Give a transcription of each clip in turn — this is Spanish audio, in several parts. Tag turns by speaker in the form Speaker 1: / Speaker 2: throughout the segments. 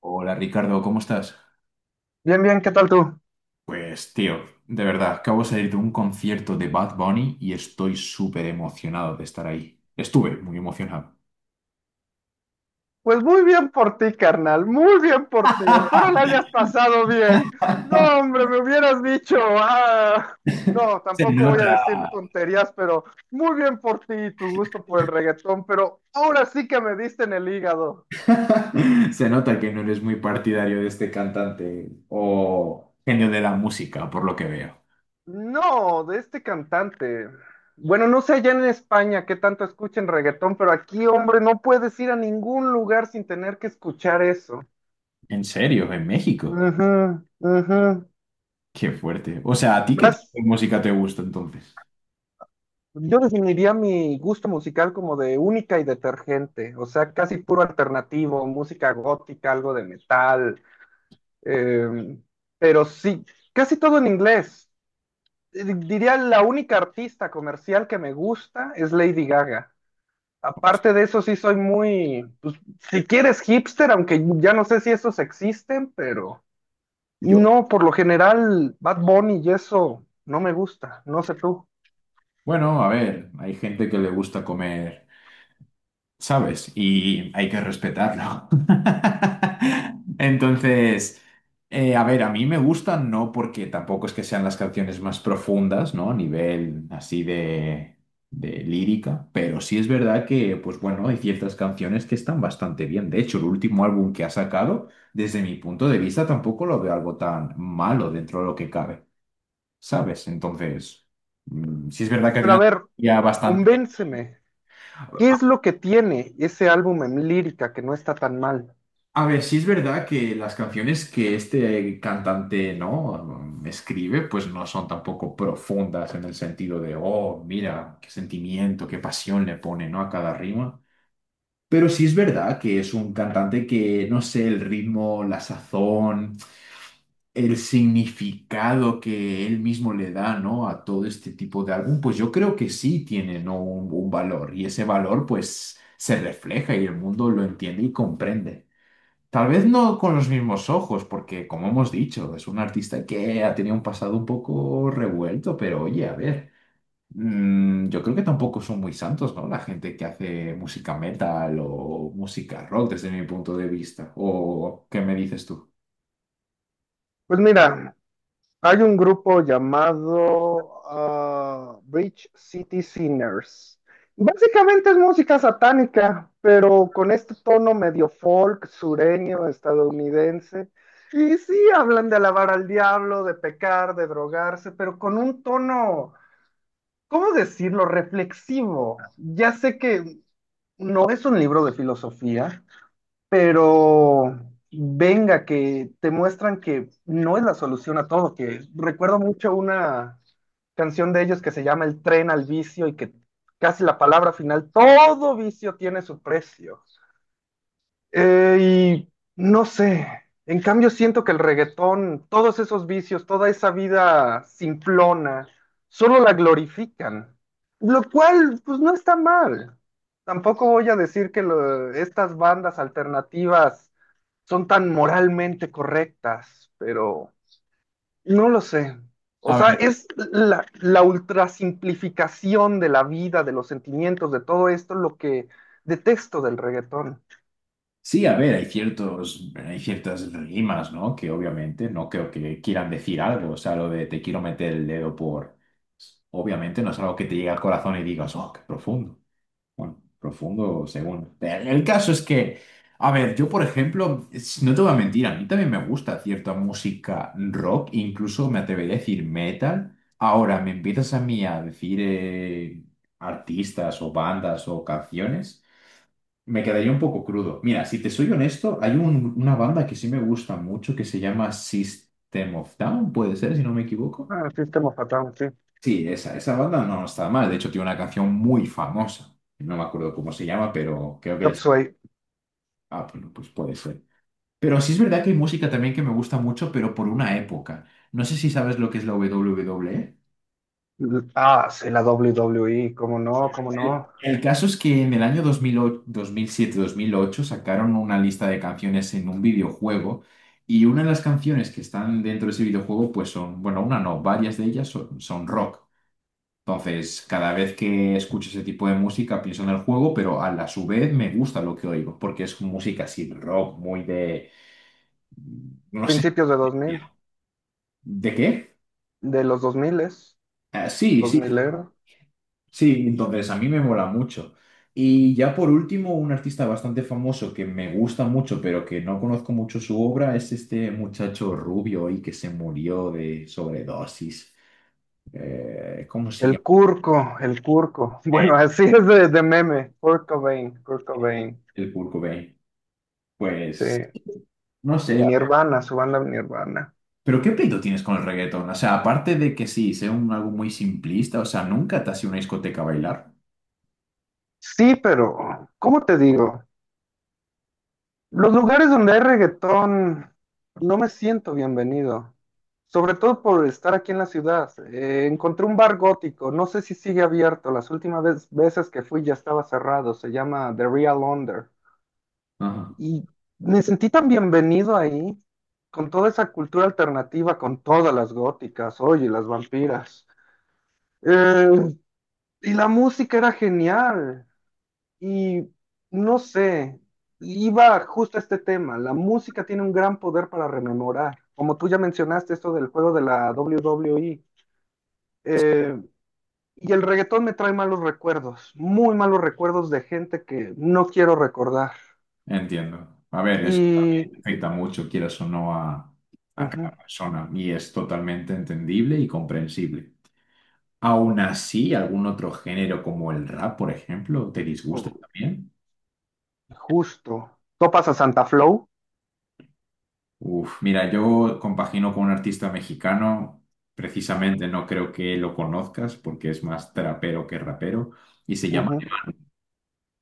Speaker 1: Hola Ricardo, ¿cómo estás?
Speaker 2: Bien, bien, ¿qué tal tú?
Speaker 1: Pues tío, de verdad, acabo de salir de un concierto de Bad Bunny y estoy súper emocionado de estar ahí. Estuve muy emocionado.
Speaker 2: Pues muy bien por ti, carnal, muy bien por ti. Espero la hayas pasado bien. No, hombre, me hubieras dicho, no,
Speaker 1: Se
Speaker 2: tampoco voy a
Speaker 1: nota.
Speaker 2: decir tonterías, pero muy bien por ti y tu gusto por el reggaetón, pero ahora sí que me diste en el hígado.
Speaker 1: Se nota que no eres muy partidario de este cantante o genio de la música, por lo que veo.
Speaker 2: No, de este cantante. Bueno, no sé allá en España qué tanto escuchen reggaetón, pero aquí, hombre, no puedes ir a ningún lugar sin tener que escuchar eso.
Speaker 1: ¿En serio? ¿En México?
Speaker 2: Ujú, ujú.
Speaker 1: Qué fuerte. O sea, ¿a ti qué tipo
Speaker 2: Más.
Speaker 1: de música te gusta entonces?
Speaker 2: Yo definiría mi gusto musical como de única y detergente, o sea, casi puro alternativo, música gótica, algo de metal, eh, pero sí, casi todo en inglés. Diría la única artista comercial que me gusta es Lady Gaga. Aparte de eso, sí soy muy, pues, si quieres hipster, aunque ya no sé si esos existen, pero
Speaker 1: Yo.
Speaker 2: no, por lo general, Bad Bunny y eso no me gusta, no sé tú.
Speaker 1: Bueno, a ver, hay gente que le gusta comer. ¿Sabes? Y hay que respetarlo. Entonces, a ver, a mí me gustan, no porque tampoco es que sean las canciones más profundas, ¿no? A nivel así de lírica, pero sí es verdad que, pues bueno, hay ciertas canciones que están bastante bien. De hecho, el último álbum que ha sacado, desde mi punto de vista, tampoco lo veo algo tan malo dentro de lo que cabe, ¿sabes? Entonces, sí es verdad que
Speaker 2: Pero a
Speaker 1: tiene una...
Speaker 2: ver,
Speaker 1: Ya bastante.
Speaker 2: convénceme. ¿Qué es lo que tiene ese álbum en lírica que no está tan mal?
Speaker 1: A ver, sí es verdad que las canciones que este cantante no escribe, pues no son tampoco profundas en el sentido de, oh, mira, qué sentimiento, qué pasión le pone, ¿no? A cada rima. Pero sí es verdad que es un cantante que, no sé, el ritmo, la sazón, el significado que él mismo le da, ¿no? A todo este tipo de álbum, pues yo creo que sí tiene, ¿no? Un valor. Y ese valor, pues, se refleja y el mundo lo entiende y comprende. Tal vez no con los mismos ojos, porque como hemos dicho, es un artista que ha tenido un pasado un poco revuelto, pero oye, a ver, yo creo que tampoco son muy santos, ¿no? La gente que hace música metal o música rock desde mi punto de vista. ¿O qué me dices tú?
Speaker 2: Pues mira, hay un grupo llamado Bridge City Sinners. Básicamente es música satánica, pero con este tono medio folk, sureño, estadounidense. Y sí, hablan de alabar al diablo, de pecar, de drogarse, pero con un tono, ¿cómo decirlo?, reflexivo. Ya sé que no es un libro de filosofía, pero venga, que te muestran que no es la solución a todo, que recuerdo mucho una canción de ellos que se llama El tren al vicio y que casi la palabra final, todo vicio tiene su precio. Eh, y no sé, en cambio siento que el reggaetón, todos esos vicios, toda esa vida simplona, solo la glorifican, lo cual pues no está mal. Tampoco voy a decir que estas bandas alternativas son tan moralmente correctas, pero no lo sé. O
Speaker 1: A
Speaker 2: sea,
Speaker 1: ver,
Speaker 2: es la ultrasimplificación de la vida, de los sentimientos, de todo esto, lo que detesto del reggaetón.
Speaker 1: sí, a ver, hay ciertas rimas, ¿no? Que obviamente no creo que quieran decir algo, o sea, lo de te quiero meter el dedo por... Obviamente no es algo que te llegue al corazón y digas, oh, qué profundo. Bueno, profundo según. El caso es que, a ver, yo por ejemplo, no te voy a mentir, a mí también me gusta cierta música rock, incluso me atrevería a decir metal. Ahora, me empiezas a mí a decir artistas o bandas o canciones, me quedaría un poco crudo. Mira, si te soy honesto, hay una banda que sí me gusta mucho que se llama System of Down, puede ser, si no me equivoco.
Speaker 2: Ah, sistema fatal, sí.
Speaker 1: Sí, esa banda no está mal. De hecho, tiene una canción muy famosa. No me acuerdo cómo se llama, pero creo que
Speaker 2: Chop
Speaker 1: es...
Speaker 2: Suey.
Speaker 1: Ah, bueno, pues puede ser. Pero sí es verdad que hay música también que me gusta mucho, pero por una época. No sé si sabes lo que es la WWE.
Speaker 2: Ah, sí, la WWE, cómo no, cómo
Speaker 1: El,
Speaker 2: no.
Speaker 1: el caso es que en el año 2008 sacaron una lista de canciones en un videojuego y una de las canciones que están dentro de ese videojuego, pues son, bueno, una no, varias de ellas son rock. Entonces, cada vez que escucho ese tipo de música pienso en el juego, pero a la su vez me gusta lo que oigo, porque es música así rock, muy de... no sé.
Speaker 2: Principios de 2000,
Speaker 1: ¿De qué?
Speaker 2: de los dos es,
Speaker 1: Ah, sí,
Speaker 2: dos
Speaker 1: sí,
Speaker 2: milero.
Speaker 1: sí, entonces a mí me mola mucho. Y ya por último, un artista bastante famoso que me gusta mucho, pero que no conozco mucho su obra, es este muchacho rubio y que se murió de sobredosis. ¿Cómo se
Speaker 2: El
Speaker 1: llama?
Speaker 2: Curco, el Curco.
Speaker 1: Eh,
Speaker 2: Bueno, así es de meme. Kurt Cobain, Kurt Cobain.
Speaker 1: El Kurt Cobain.
Speaker 2: Sí.
Speaker 1: Pues no
Speaker 2: Y
Speaker 1: sé.
Speaker 2: Nirvana, su banda Nirvana.
Speaker 1: Pero ¿qué pleito tienes con el reggaetón? O sea, aparte de que sí, sea un algo muy simplista, o sea, nunca te has ido a una discoteca a bailar.
Speaker 2: Sí, pero, ¿cómo te digo? Los lugares donde hay reggaetón no me siento bienvenido, sobre todo por estar aquí en la ciudad. Encontré un bar gótico, no sé si sigue abierto, las veces que fui ya estaba cerrado, se llama The Real Under.
Speaker 1: Ajá,
Speaker 2: Y me sentí tan bienvenido ahí, con toda esa cultura alternativa, con todas las góticas, oye, las vampiras. Eh, y la música era genial. Y no sé, iba justo a este tema. La música tiene un gran poder para rememorar. Como tú ya mencionaste, esto del juego de la WWE. eh, y el reggaetón me trae malos recuerdos, muy malos recuerdos de gente que no quiero recordar.
Speaker 1: entiendo. A ver, eso también
Speaker 2: Y
Speaker 1: afecta mucho, quieras o no, a cada
Speaker 2: ujú,
Speaker 1: persona y es totalmente entendible y comprensible. Aún así, algún otro género como el rap, por ejemplo, te disgusta
Speaker 2: oh,
Speaker 1: también.
Speaker 2: justo. ¿Topas a Santa Flow?
Speaker 1: Uf, mira, yo compagino con un artista mexicano, precisamente no creo que lo conozcas porque es más trapero que rapero y se llama
Speaker 2: Ujú.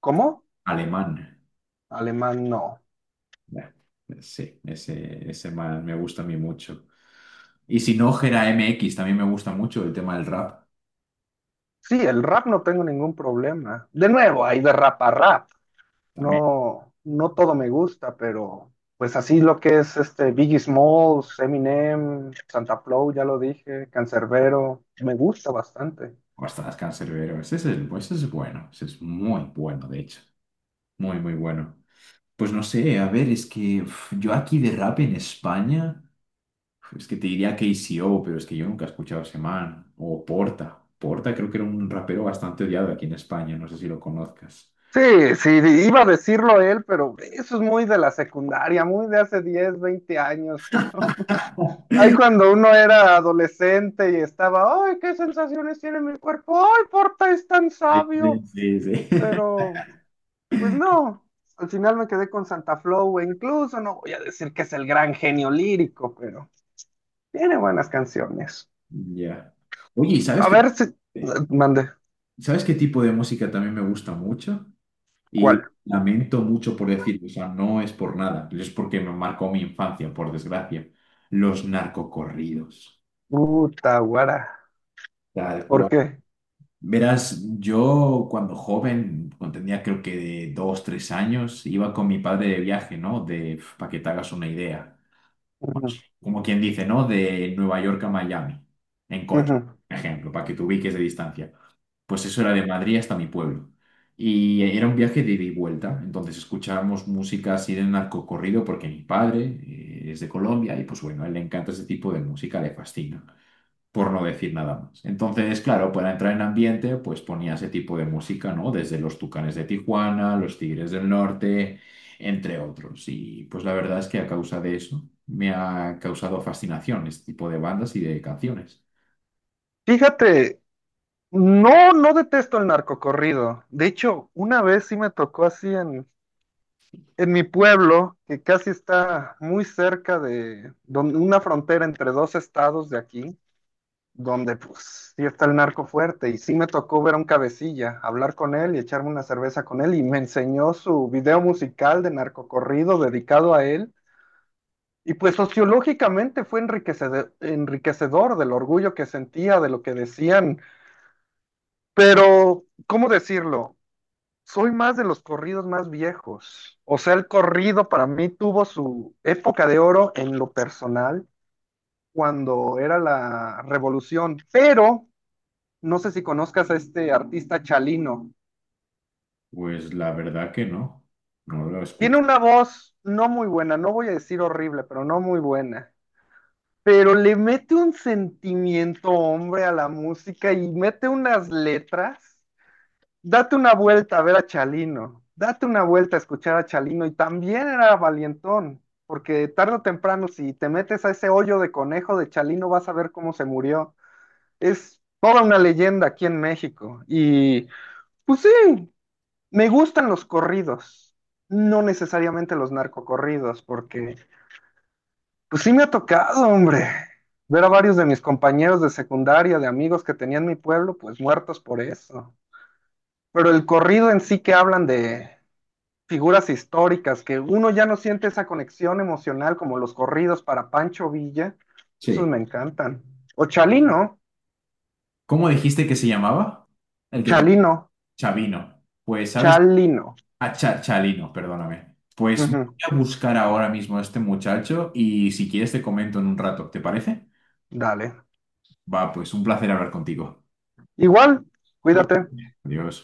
Speaker 2: ¿Cómo?
Speaker 1: Alemán.
Speaker 2: Alemán no.
Speaker 1: Ya, sí, ese man me gusta a mí mucho. Y si no, Gera MX también me gusta mucho el tema del rap.
Speaker 2: Sí, el rap no tengo ningún problema. De nuevo, hay de rap a rap.
Speaker 1: También,
Speaker 2: No, no todo me gusta, pero pues así lo que es este Biggie Smalls, Eminem, Santa Flow, ya lo dije, Cancerbero, me gusta bastante.
Speaker 1: bastante cancerbero. Ese es, ese es bueno, ese es muy bueno, de hecho. Muy, muy bueno. Pues no sé, a ver, es que uf, yo aquí de rap en España, uf, es que te diría KCO, pero es que yo nunca he escuchado a ese man. O Porta. Porta creo que era un rapero bastante odiado aquí en España, no sé si lo conozcas.
Speaker 2: Sí, sí, iba a decirlo él, pero eso es muy de la secundaria, muy de hace 10 20 años, pero ahí cuando uno era adolescente y estaba, ay, qué sensaciones tiene mi cuerpo, ay, Porta es tan
Speaker 1: Sí,
Speaker 2: sabio,
Speaker 1: sí, sí. Sí.
Speaker 2: pero Pues no, al final me quedé con Santa Flow, e incluso no voy a decir que es el gran genio lírico, pero tiene buenas canciones.
Speaker 1: Ya. Oye, ¿y sabes
Speaker 2: A
Speaker 1: qué?
Speaker 2: ver si mande
Speaker 1: ¿Sabes qué tipo de música también me gusta mucho?
Speaker 2: cuál.
Speaker 1: Y lamento mucho por decirlo, o sea, no es por nada, es porque me marcó mi infancia, por desgracia. Los narcocorridos,
Speaker 2: Puta guara.
Speaker 1: tal
Speaker 2: ¿Por
Speaker 1: cual.
Speaker 2: qué?
Speaker 1: Verás, yo cuando joven, cuando tenía creo que de 2, 3 años, iba con mi padre de viaje, ¿no? De, para que te hagas una idea.
Speaker 2: Ujú,
Speaker 1: Como quien dice, ¿no? De Nueva York a Miami, en coche,
Speaker 2: ujú.
Speaker 1: por ejemplo, para que te ubiques de distancia. Pues eso era de Madrid hasta mi pueblo. Y era un viaje de ida y vuelta, entonces escuchábamos música así de narcocorrido porque mi padre es de Colombia y pues bueno, a él le encanta ese tipo de música, le fascina por no decir nada más. Entonces, claro, para entrar en ambiente, pues ponía ese tipo de música, ¿no? Desde los Tucanes de Tijuana, los Tigres del Norte, entre otros. Y pues la verdad es que a causa de eso me ha causado fascinación este tipo de bandas y de canciones.
Speaker 2: Fíjate, no, no detesto el narcocorrido. De hecho, una vez sí me tocó así en mi pueblo, que casi está muy cerca de una frontera entre dos estados de aquí. Donde pues sí está el narco fuerte y sí me tocó ver a un cabecilla, hablar con él y echarme una cerveza con él y me enseñó su video musical de narcocorrido dedicado a él y pues sociológicamente fue enriquecedor, enriquecedor del orgullo que sentía, de lo que decían, pero ¿cómo decirlo? Soy más de los corridos más viejos. O sea, el corrido para mí tuvo su época de oro en lo personal cuando era la revolución, pero no sé si conozcas a este artista Chalino.
Speaker 1: Pues la verdad que no, no lo
Speaker 2: Tiene
Speaker 1: escucho.
Speaker 2: una voz no muy buena, no voy a decir horrible, pero no muy buena. Pero le mete un sentimiento, hombre, a la música y mete unas letras. Date una vuelta a ver a Chalino. Date una vuelta a escuchar a Chalino. Y también era valientón, porque tarde o temprano, si te metes a ese hoyo de conejo de Chalino, vas a ver cómo se murió. Es toda una leyenda aquí en México. Y pues sí, me gustan los corridos, no necesariamente los narcocorridos, porque pues sí me ha tocado, hombre, ver a varios de mis compañeros de secundaria, de amigos que tenía en mi pueblo, pues muertos por eso. Pero el corrido en sí que hablan de figuras históricas, que uno ya no siente esa conexión emocional como los corridos para Pancho Villa, esos me
Speaker 1: Sí.
Speaker 2: encantan. O Chalino,
Speaker 1: ¿Cómo dijiste que se llamaba? El que te...
Speaker 2: Chalino,
Speaker 1: Chavino. Pues, ¿sabes?
Speaker 2: Chalino.
Speaker 1: A Chalino, perdóname. Pues voy
Speaker 2: Ujú,
Speaker 1: a buscar ahora mismo a este muchacho y si quieres te comento en un rato, ¿te parece?
Speaker 2: dale.
Speaker 1: Va, pues un placer hablar contigo.
Speaker 2: Igual,
Speaker 1: Cuídate.
Speaker 2: cuídate.
Speaker 1: Adiós.